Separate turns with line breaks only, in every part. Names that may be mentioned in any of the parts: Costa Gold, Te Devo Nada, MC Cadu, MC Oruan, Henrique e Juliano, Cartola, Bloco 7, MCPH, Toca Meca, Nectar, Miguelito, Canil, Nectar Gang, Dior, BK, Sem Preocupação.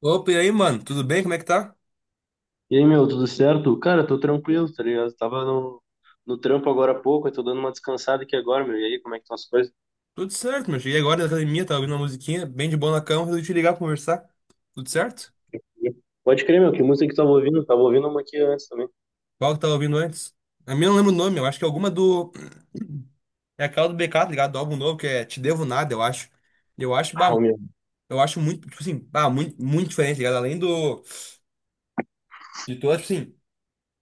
Opa, e aí, mano? Tudo bem? Como é que tá?
E aí, meu, tudo certo? Cara, tô tranquilo, tá ligado? Tava no trampo agora há pouco, eu tô dando uma descansada aqui agora, meu. E aí, como é que estão as coisas?
Tudo certo, meu. Cheguei agora na academia, tava ouvindo uma musiquinha bem de boa na cama, resolvi te ligar pra conversar. Tudo certo?
Pode crer, meu, que música que tu tava ouvindo? Tava ouvindo uma aqui antes também.
Qual que tava ouvindo antes? A minha eu não lembro o nome, eu acho que é alguma do. É aquela do BK, tá ligado? Do álbum novo, que é Te Devo Nada, eu acho. Eu acho, bah,
Ah,
meu,
o meu.
eu acho muito, tipo assim, bah, muito diferente, tá ligado? Além do. De todas, tipo assim.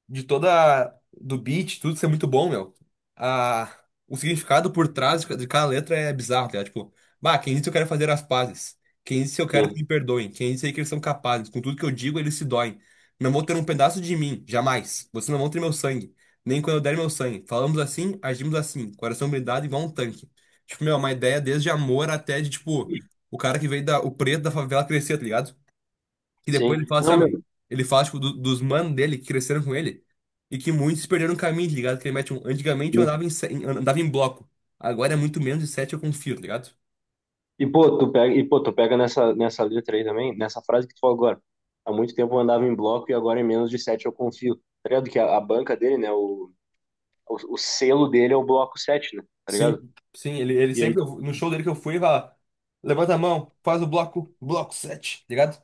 De toda do beat, tudo isso é muito bom, meu. A, o significado por trás de cada letra é bizarro, tá ligado? Tipo, bah, quem disse eu quero fazer as pazes? Quem disse eu quero que
Sim.
me perdoem? Quem disse aí que eles são capazes? Com tudo que eu digo, eles se doem. Não vão ter um pedaço de mim, jamais. Vocês não vão ter meu sangue, nem quando eu der meu sangue. Falamos assim, agimos assim, coração blindado igual um tanque. Tipo, meu, uma ideia desde amor até de, tipo, o cara que veio da, o preto da favela crescer, tá ligado? E depois
Sim.
ele fala assim, ah,
Não,
meu,
meu.
ele fala, tipo, dos manos dele que cresceram com ele e que muitos perderam o caminho, tá ligado? Que ele mete um, antigamente eu andava em, andava em bloco, agora é muito menos de sete eu confio, tá ligado?
E pô, tu pega nessa letra aí também, nessa frase que tu falou agora. Há muito tempo eu andava em bloco e agora em menos de sete eu confio. Tá ligado? Que a banca dele, né? O selo dele é o bloco sete, né? Tá ligado?
Sim, sim, ele sempre, no show dele que eu fui, ele fala, levanta a mão, faz o bloco, bloco sete, tá ligado?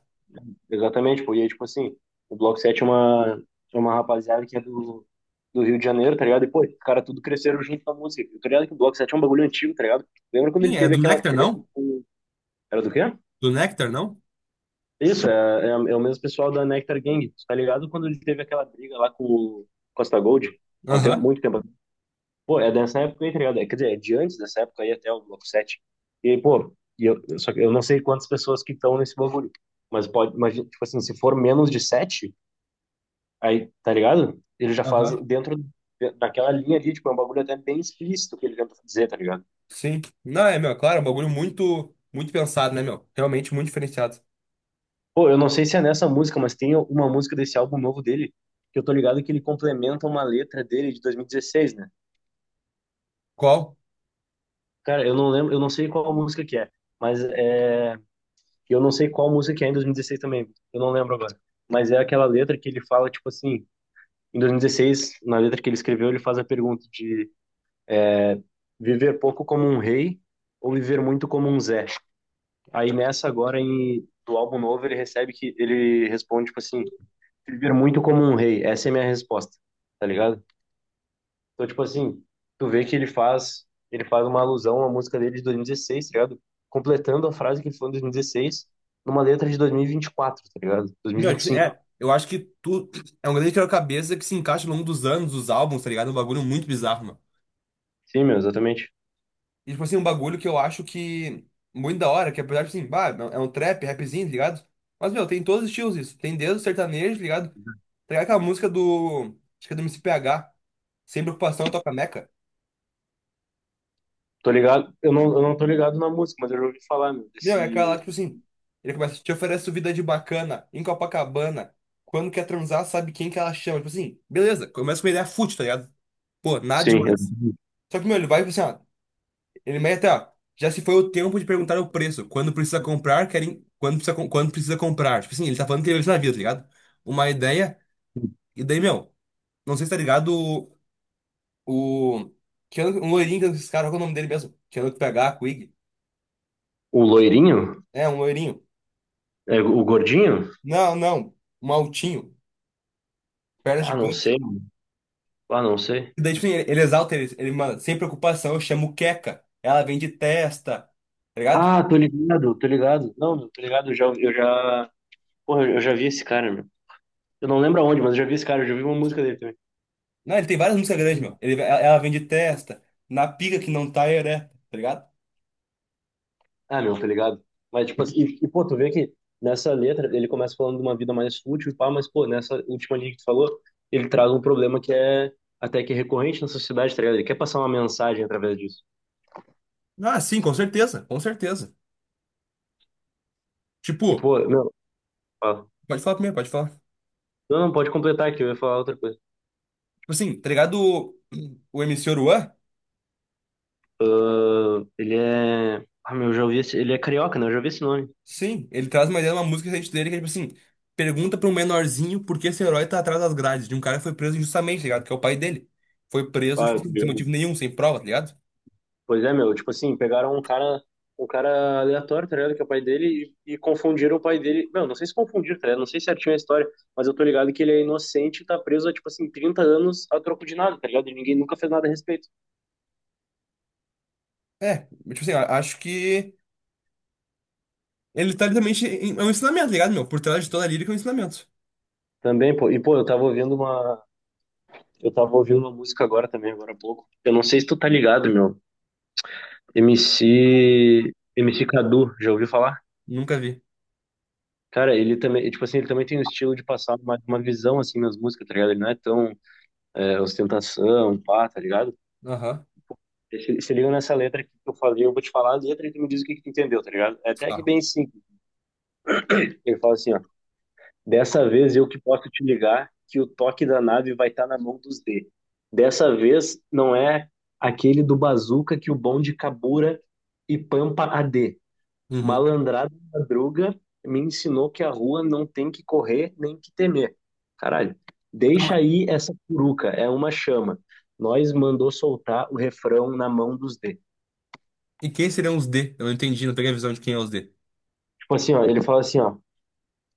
Exatamente, pô. E aí, tipo assim, o Bloco 7 é uma rapaziada que é do Rio de Janeiro, tá ligado? E, pô, os caras tudo cresceram junto com a música. Eu tô ligado que o Bloco 7 é um bagulho antigo, tá ligado? Lembra quando
Sim,
ele
é
teve
do
aquela
Nectar,
treta
não?
com... Era do quê?
Do Nectar, não?
Isso, é o mesmo pessoal da Nectar Gang, tu tá ligado? Quando ele teve aquela briga lá com o Costa Gold, há um tempo,
Aham,
muito tempo atrás. Pô, é dessa época aí, tá ligado? É, quer dizer, é de antes dessa época aí até o Bloco 7. E aí, pô, só que eu não sei quantas pessoas que estão nesse bagulho, mas pode, imagina, tipo assim, se for menos de 7 aí, tá ligado? Ele já faz
aham.
dentro daquela linha ali, tipo, é um bagulho até bem explícito que ele tenta dizer, tá ligado?
Sim. Não, é, meu, claro, é um bagulho muito pensado, né, meu? Realmente muito diferenciado.
Pô, eu não sei se é nessa música, mas tem uma música desse álbum novo dele, que eu tô ligado que ele complementa uma letra dele de 2016, né?
Qual?
Cara, eu não lembro, eu não sei qual música que é, mas é... Eu não sei qual música que é em 2016 também, eu não lembro agora. Mas é aquela letra que ele fala, tipo assim, em 2016, na letra que ele escreveu, ele faz a pergunta de viver pouco como um rei ou viver muito como um Zé. Aí nessa agora em, do álbum novo ele recebe que ele responde tipo assim, viver muito como um rei. Essa é a minha resposta, tá ligado? Então tipo assim, tu vê que ele faz uma alusão à música dele de 2016, tá ligado? Completando a frase que ele falou em 2016 numa letra de 2024, tá ligado? Dois mil
Meu,
e vinte e cinco.
é, eu acho que tu é um grande quebra-cabeça que se encaixa ao longo dos anos, dos álbuns, tá ligado? É um bagulho muito bizarro, mano.
Sim, meu, exatamente.
E, tipo assim, um bagulho que eu acho que muito da hora, que apesar de, assim, bah, é um trap, rapzinho, tá ligado? Mas, meu, tem todos os estilos isso. Tem desde o sertanejo, tá ligado? Tá ligado aquela música do, acho que é do MCPH, Sem Preocupação, Toca Meca?
Tô ligado, eu não tô ligado na música, mas eu já ouvi falar, meu,
Meu, é aquela lá
desse...
que, tipo assim, ele começa, te oferece vida de bacana, em Copacabana, quando quer transar, sabe quem que ela chama. Tipo assim, beleza, começa com uma ideia fútil, tá ligado? Pô, nada
Sim, é
demais. Só que, meu, ele vai, tipo assim, ó, ele mete, ó. Já se foi o tempo de perguntar o preço. Quando precisa comprar, querem. Quando precisa comprar. Tipo assim, ele tá falando que ele vai na vida, tá ligado? Uma ideia. E daí, meu, não sei se tá ligado o. o- Que ano, um loirinho que esses caras, qual é o nome dele mesmo? Que ano que pegar, a Quig.
o loirinho?
É, um loirinho.
É, o gordinho?
Não, não. Um altinho. Perna
Ah, não
gigante.
sei. Ah, não sei.
E daí, tipo assim, ele exalta ele, ele, mano, sem preocupação, eu chamo Queca. Ela vem de testa. Tá ligado?
Ah, tô ligado, tô ligado. Não, meu, tô ligado, eu já, porra, eu já vi esse cara, meu. Eu não lembro aonde, mas eu já vi esse cara, eu já vi uma música dele também.
Não, ele tem várias músicas grandes, meu. Ele, ela vem de testa. Na pica que não tá ereta, tá ligado?
Ah, meu, tô ligado. Mas, tipo assim, pô, tu vê que nessa letra ele começa falando de uma vida mais fútil, e pá, mas, pô, nessa última linha que tu falou, ele traz um problema que é até que recorrente na sociedade, tá ligado? Ele quer passar uma mensagem através disso.
Ah, sim, com certeza, com certeza.
E,
Tipo,
pô, meu, fala.
pode falar primeiro, pode falar.
Não, não, pode completar aqui, eu ia falar outra coisa.
Tipo assim, tá ligado o M C Oruan?
Ah, ele é. Ah, meu, eu já ouvi esse. Ele é carioca, né? Eu já ouvi esse nome.
Sim, ele traz uma ideia de uma música recente dele que é tipo assim, pergunta pra um menorzinho por que esse herói tá atrás das grades de um cara que foi preso injustamente, tá ligado? Que é o pai dele. Foi preso, tipo,
Ah,
assim, sem motivo nenhum, sem prova, tá ligado?
pois é, meu, tipo assim, pegaram um cara aleatório, tá ligado? Que é o pai dele, e confundiram o pai dele. Meu, não sei se confundiram, tá ligado? Não sei certinho a história, mas eu tô ligado que ele é inocente e tá preso há, tipo assim, 30 anos a troco de nada, tá ligado? E ninguém nunca fez nada a respeito.
É, tipo assim, acho que ele tá literalmente, é um ensinamento, tá ligado, meu? Por trás de toda a lírica é um ensinamento.
Também, pô, e pô, eu tava ouvindo uma. Eu tava ouvindo uma música agora também, agora há pouco. Eu não sei se tu tá ligado, meu. M C M C Cadu, já ouviu falar?
Nunca vi.
Cara, ele também, tipo assim, ele também tem um estilo de passar uma visão, assim, nas músicas, tá ligado? Ele não é tão é, ostentação, pá, tá ligado?
Aham.
Se se liga nessa letra aqui que eu falei, eu vou te falar a letra e tu me diz o que que tu entendeu, tá ligado? É até que
Tá.
bem simples. Ele fala assim, ó. Dessa vez eu que posso te ligar que o toque da nave vai estar na mão dos D. Dessa vez não é aquele do bazuca que o bonde cabura e pampa a D.
Uhum.
Malandrada madruga me ensinou que a rua não tem que correr nem que temer. Caralho,
Tá,
deixa
mas...
aí essa curuca, é uma chama. Nós mandou soltar o refrão na mão dos D.
E quem seriam os D? Eu não entendi, não peguei a visão de quem é os D.
Tipo assim, ó, ele fala assim, ó,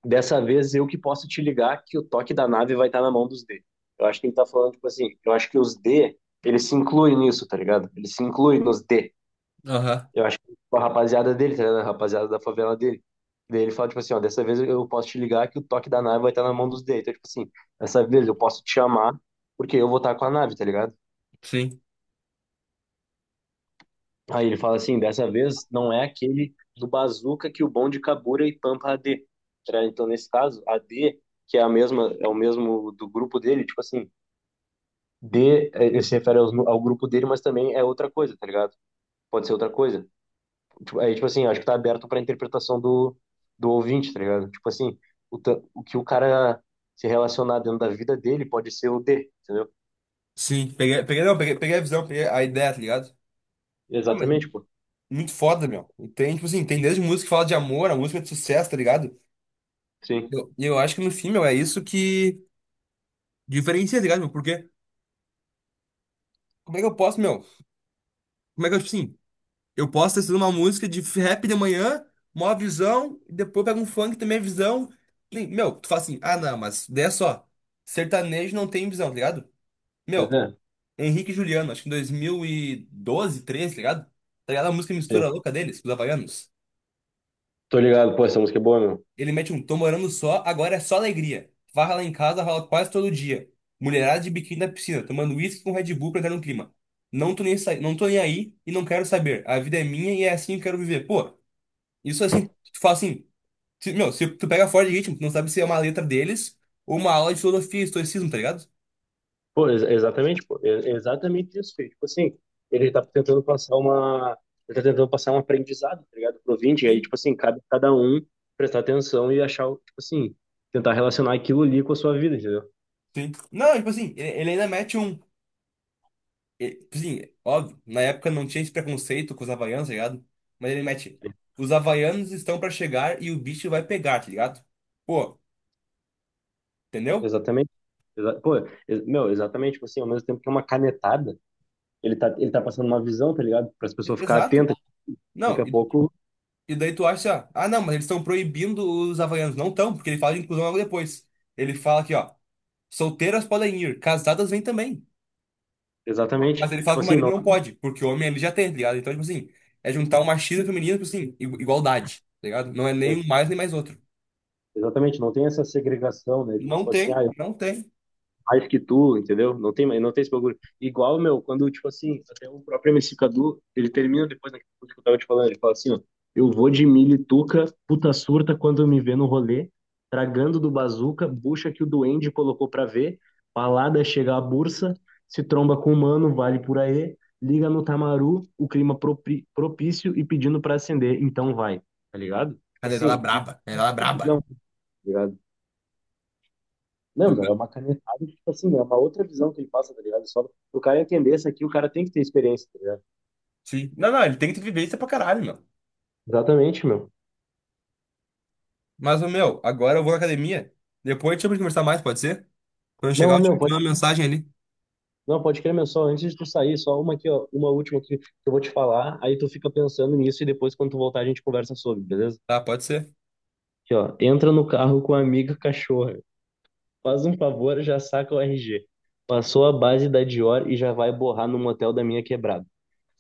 dessa vez eu que posso te ligar que o toque da nave vai estar na mão dos D. Eu acho que ele tá falando, tipo assim, eu acho que os D, eles se incluem nisso, tá ligado? Eles se incluem nos D.
Aham.
Eu acho que a rapaziada dele, tá ligado? A rapaziada da favela dele. Daí ele fala, tipo assim, ó, dessa vez eu posso te ligar que o toque da nave vai estar na mão dos D. Então, tipo assim, dessa vez eu posso te chamar porque eu vou estar com a nave, tá ligado?
Sim.
Aí ele fala assim, dessa vez não é aquele do Bazooka que o bom de Kabura e Pampa AD. Tá? Então, nesse caso, AD, que é a mesma, é o mesmo do grupo dele, tipo assim, D, eh, ele se refere aos nu- ao grupo dele, mas também é outra coisa, tá ligado? Pode ser outra coisa. Tipo, aí, tipo assim, acho que tá aberto pra interpretação do, do ouvinte, tá ligado? Tipo assim, o, ta- o que o cara se relacionar dentro da vida dele pode ser o D, entendeu?
Sim, peguei, peguei, não, peguei, peguei a visão, peguei a ideia, tá ligado? Não, mas
Exatamente, pô.
muito foda, meu. E tem, tipo assim, tem desde música que fala de amor, a música é de sucesso, tá ligado?
Sim.
E eu acho que no fim, meu, é isso que diferencia, tá ligado, meu? Porque como é que eu posso, meu? Como é que eu, tipo assim, eu posso ter sido uma música de rap de manhã, mó visão, e depois pega um funk também é visão. E, meu, tu fala assim, ah, não, mas daí é só. Sertanejo não tem visão, tá ligado?
Mas
Meu,
é,
Henrique e Juliano, acho que em 2012, 13, tá ligado? Tá ligado a música
sim.
mistura louca deles, os havaianos?
Tô ligado, pô, essa música é boa, meu.
Ele mete um tô morando só, agora é só alegria. Farra lá em casa rola quase todo dia. Mulherada de biquíni na piscina, tomando uísque com Red Bull pra entrar no clima. Não tô nem aí e não quero saber. A vida é minha e é assim que eu quero viver. Pô, isso assim, tu fala assim, meu, se tu pega fora de ritmo, tu não sabe se é uma letra deles ou uma aula de filosofia e estoicismo, tá ligado?
Pô, ex- exatamente, pô, é é exatamente isso, filho. Tipo assim, ele tá tentando passar uma, ele tá tentando passar um aprendizado, tá ligado, pro ouvinte, e aí,
Sim,
tipo assim, cabe a cada um prestar atenção e achar, o- tipo assim, tentar relacionar aquilo ali com a sua vida, entendeu?
sim. Não, tipo assim, ele ainda mete um. E, tipo assim, óbvio, na época não tinha esse preconceito com os havaianos, tá ligado? Mas ele mete, os havaianos estão pra chegar e o bicho vai pegar, tá ligado? Pô, entendeu?
Exatamente. Exa- pô, ex- meu, exatamente, tipo assim, ao mesmo tempo que é uma canetada, ele tá passando uma visão, tá ligado, para as
E...
pessoas ficarem
Exato.
atentas, daqui
Não,
a pouco,
e daí tu acha, ah, não, mas eles estão proibindo os havaianos. Não estão, porque ele fala de inclusão logo depois. Ele fala aqui, ó, solteiras podem ir, casadas vêm também.
exatamente,
Mas ele fala
tipo
que o
assim,
marido
não,
não pode, porque o homem ele já tem, tá ligado? Então, tipo assim, é juntar o machismo e o feminismo, tipo assim, igualdade, tá ligado? Não é nem um mais nem mais outro.
exatamente, não tem essa segregação, né, de,
Não
tipo assim,
tem,
ah,
não tem.
mais que tu, entendeu? Não tem, não tem esse bagulho. Igual, meu, quando, tipo assim, até o próprio MC Cadu, ele termina depois daquele que eu tava te falando, ele fala assim, ó, eu vou de milho e tuca, puta surta quando me vê no rolê, tragando do bazuca, bucha que o duende colocou pra ver, palada chega a bursa, se tromba com o mano, vale por aí, liga no tamaru, o clima propri- propício e pedindo pra acender, então vai, tá ligado? Tipo
A deitada
assim,
braba. A deitada braba.
não, tá ligado? Não, meu, é uma canetada, tipo assim, é uma outra visão que ele passa, tá ligado? Só pro cara entender isso aqui, o cara tem que ter experiência, tá ligado?
Sim. Não, não, ele tem que ter vivência pra caralho, meu.
Exatamente, meu.
Mas, ô, meu, agora eu vou na academia. Depois a gente vai conversar mais, pode ser? Quando eu chegar,
Não,
eu te
meu,
te
pode,
mando uma mensagem ali.
não, pode crer, meu, só antes de tu sair, só uma aqui, ó, uma última aqui que eu vou te falar, aí tu fica pensando nisso e depois quando tu voltar a gente conversa sobre, beleza?
Tá, pode ser.
Aqui, ó, entra no carro com a amiga cachorra. Faz um favor, já saca o RG. Passou a base da Dior e já vai borrar no motel da minha quebrada.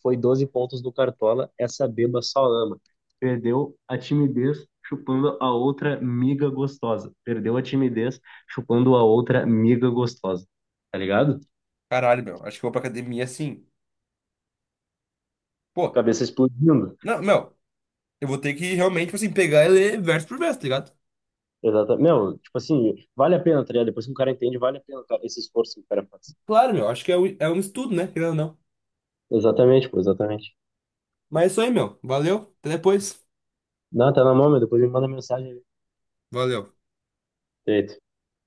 Foi 12 pontos do Cartola, essa beba só ama. Perdeu a timidez chupando a outra miga gostosa. Perdeu a timidez chupando a outra miga gostosa. Tá ligado?
Caralho, meu. Acho que eu vou pra academia assim. Pô,
Cabeça explodindo.
não, meu. Eu vou ter que realmente, tipo assim, pegar e ler verso por verso, tá ligado?
Exatamente. Meu, tipo assim, vale a pena, tá ligado? Depois que um cara entende, vale a pena cara, esse esforço que o cara faz.
Claro, meu. Acho que é um estudo, né? Querendo ou não.
Exatamente, pô, exatamente.
Mas é isso aí, meu. Valeu. Até depois.
Não, tá na mão, meu. Depois me manda mensagem aí.
Valeu.
Feito.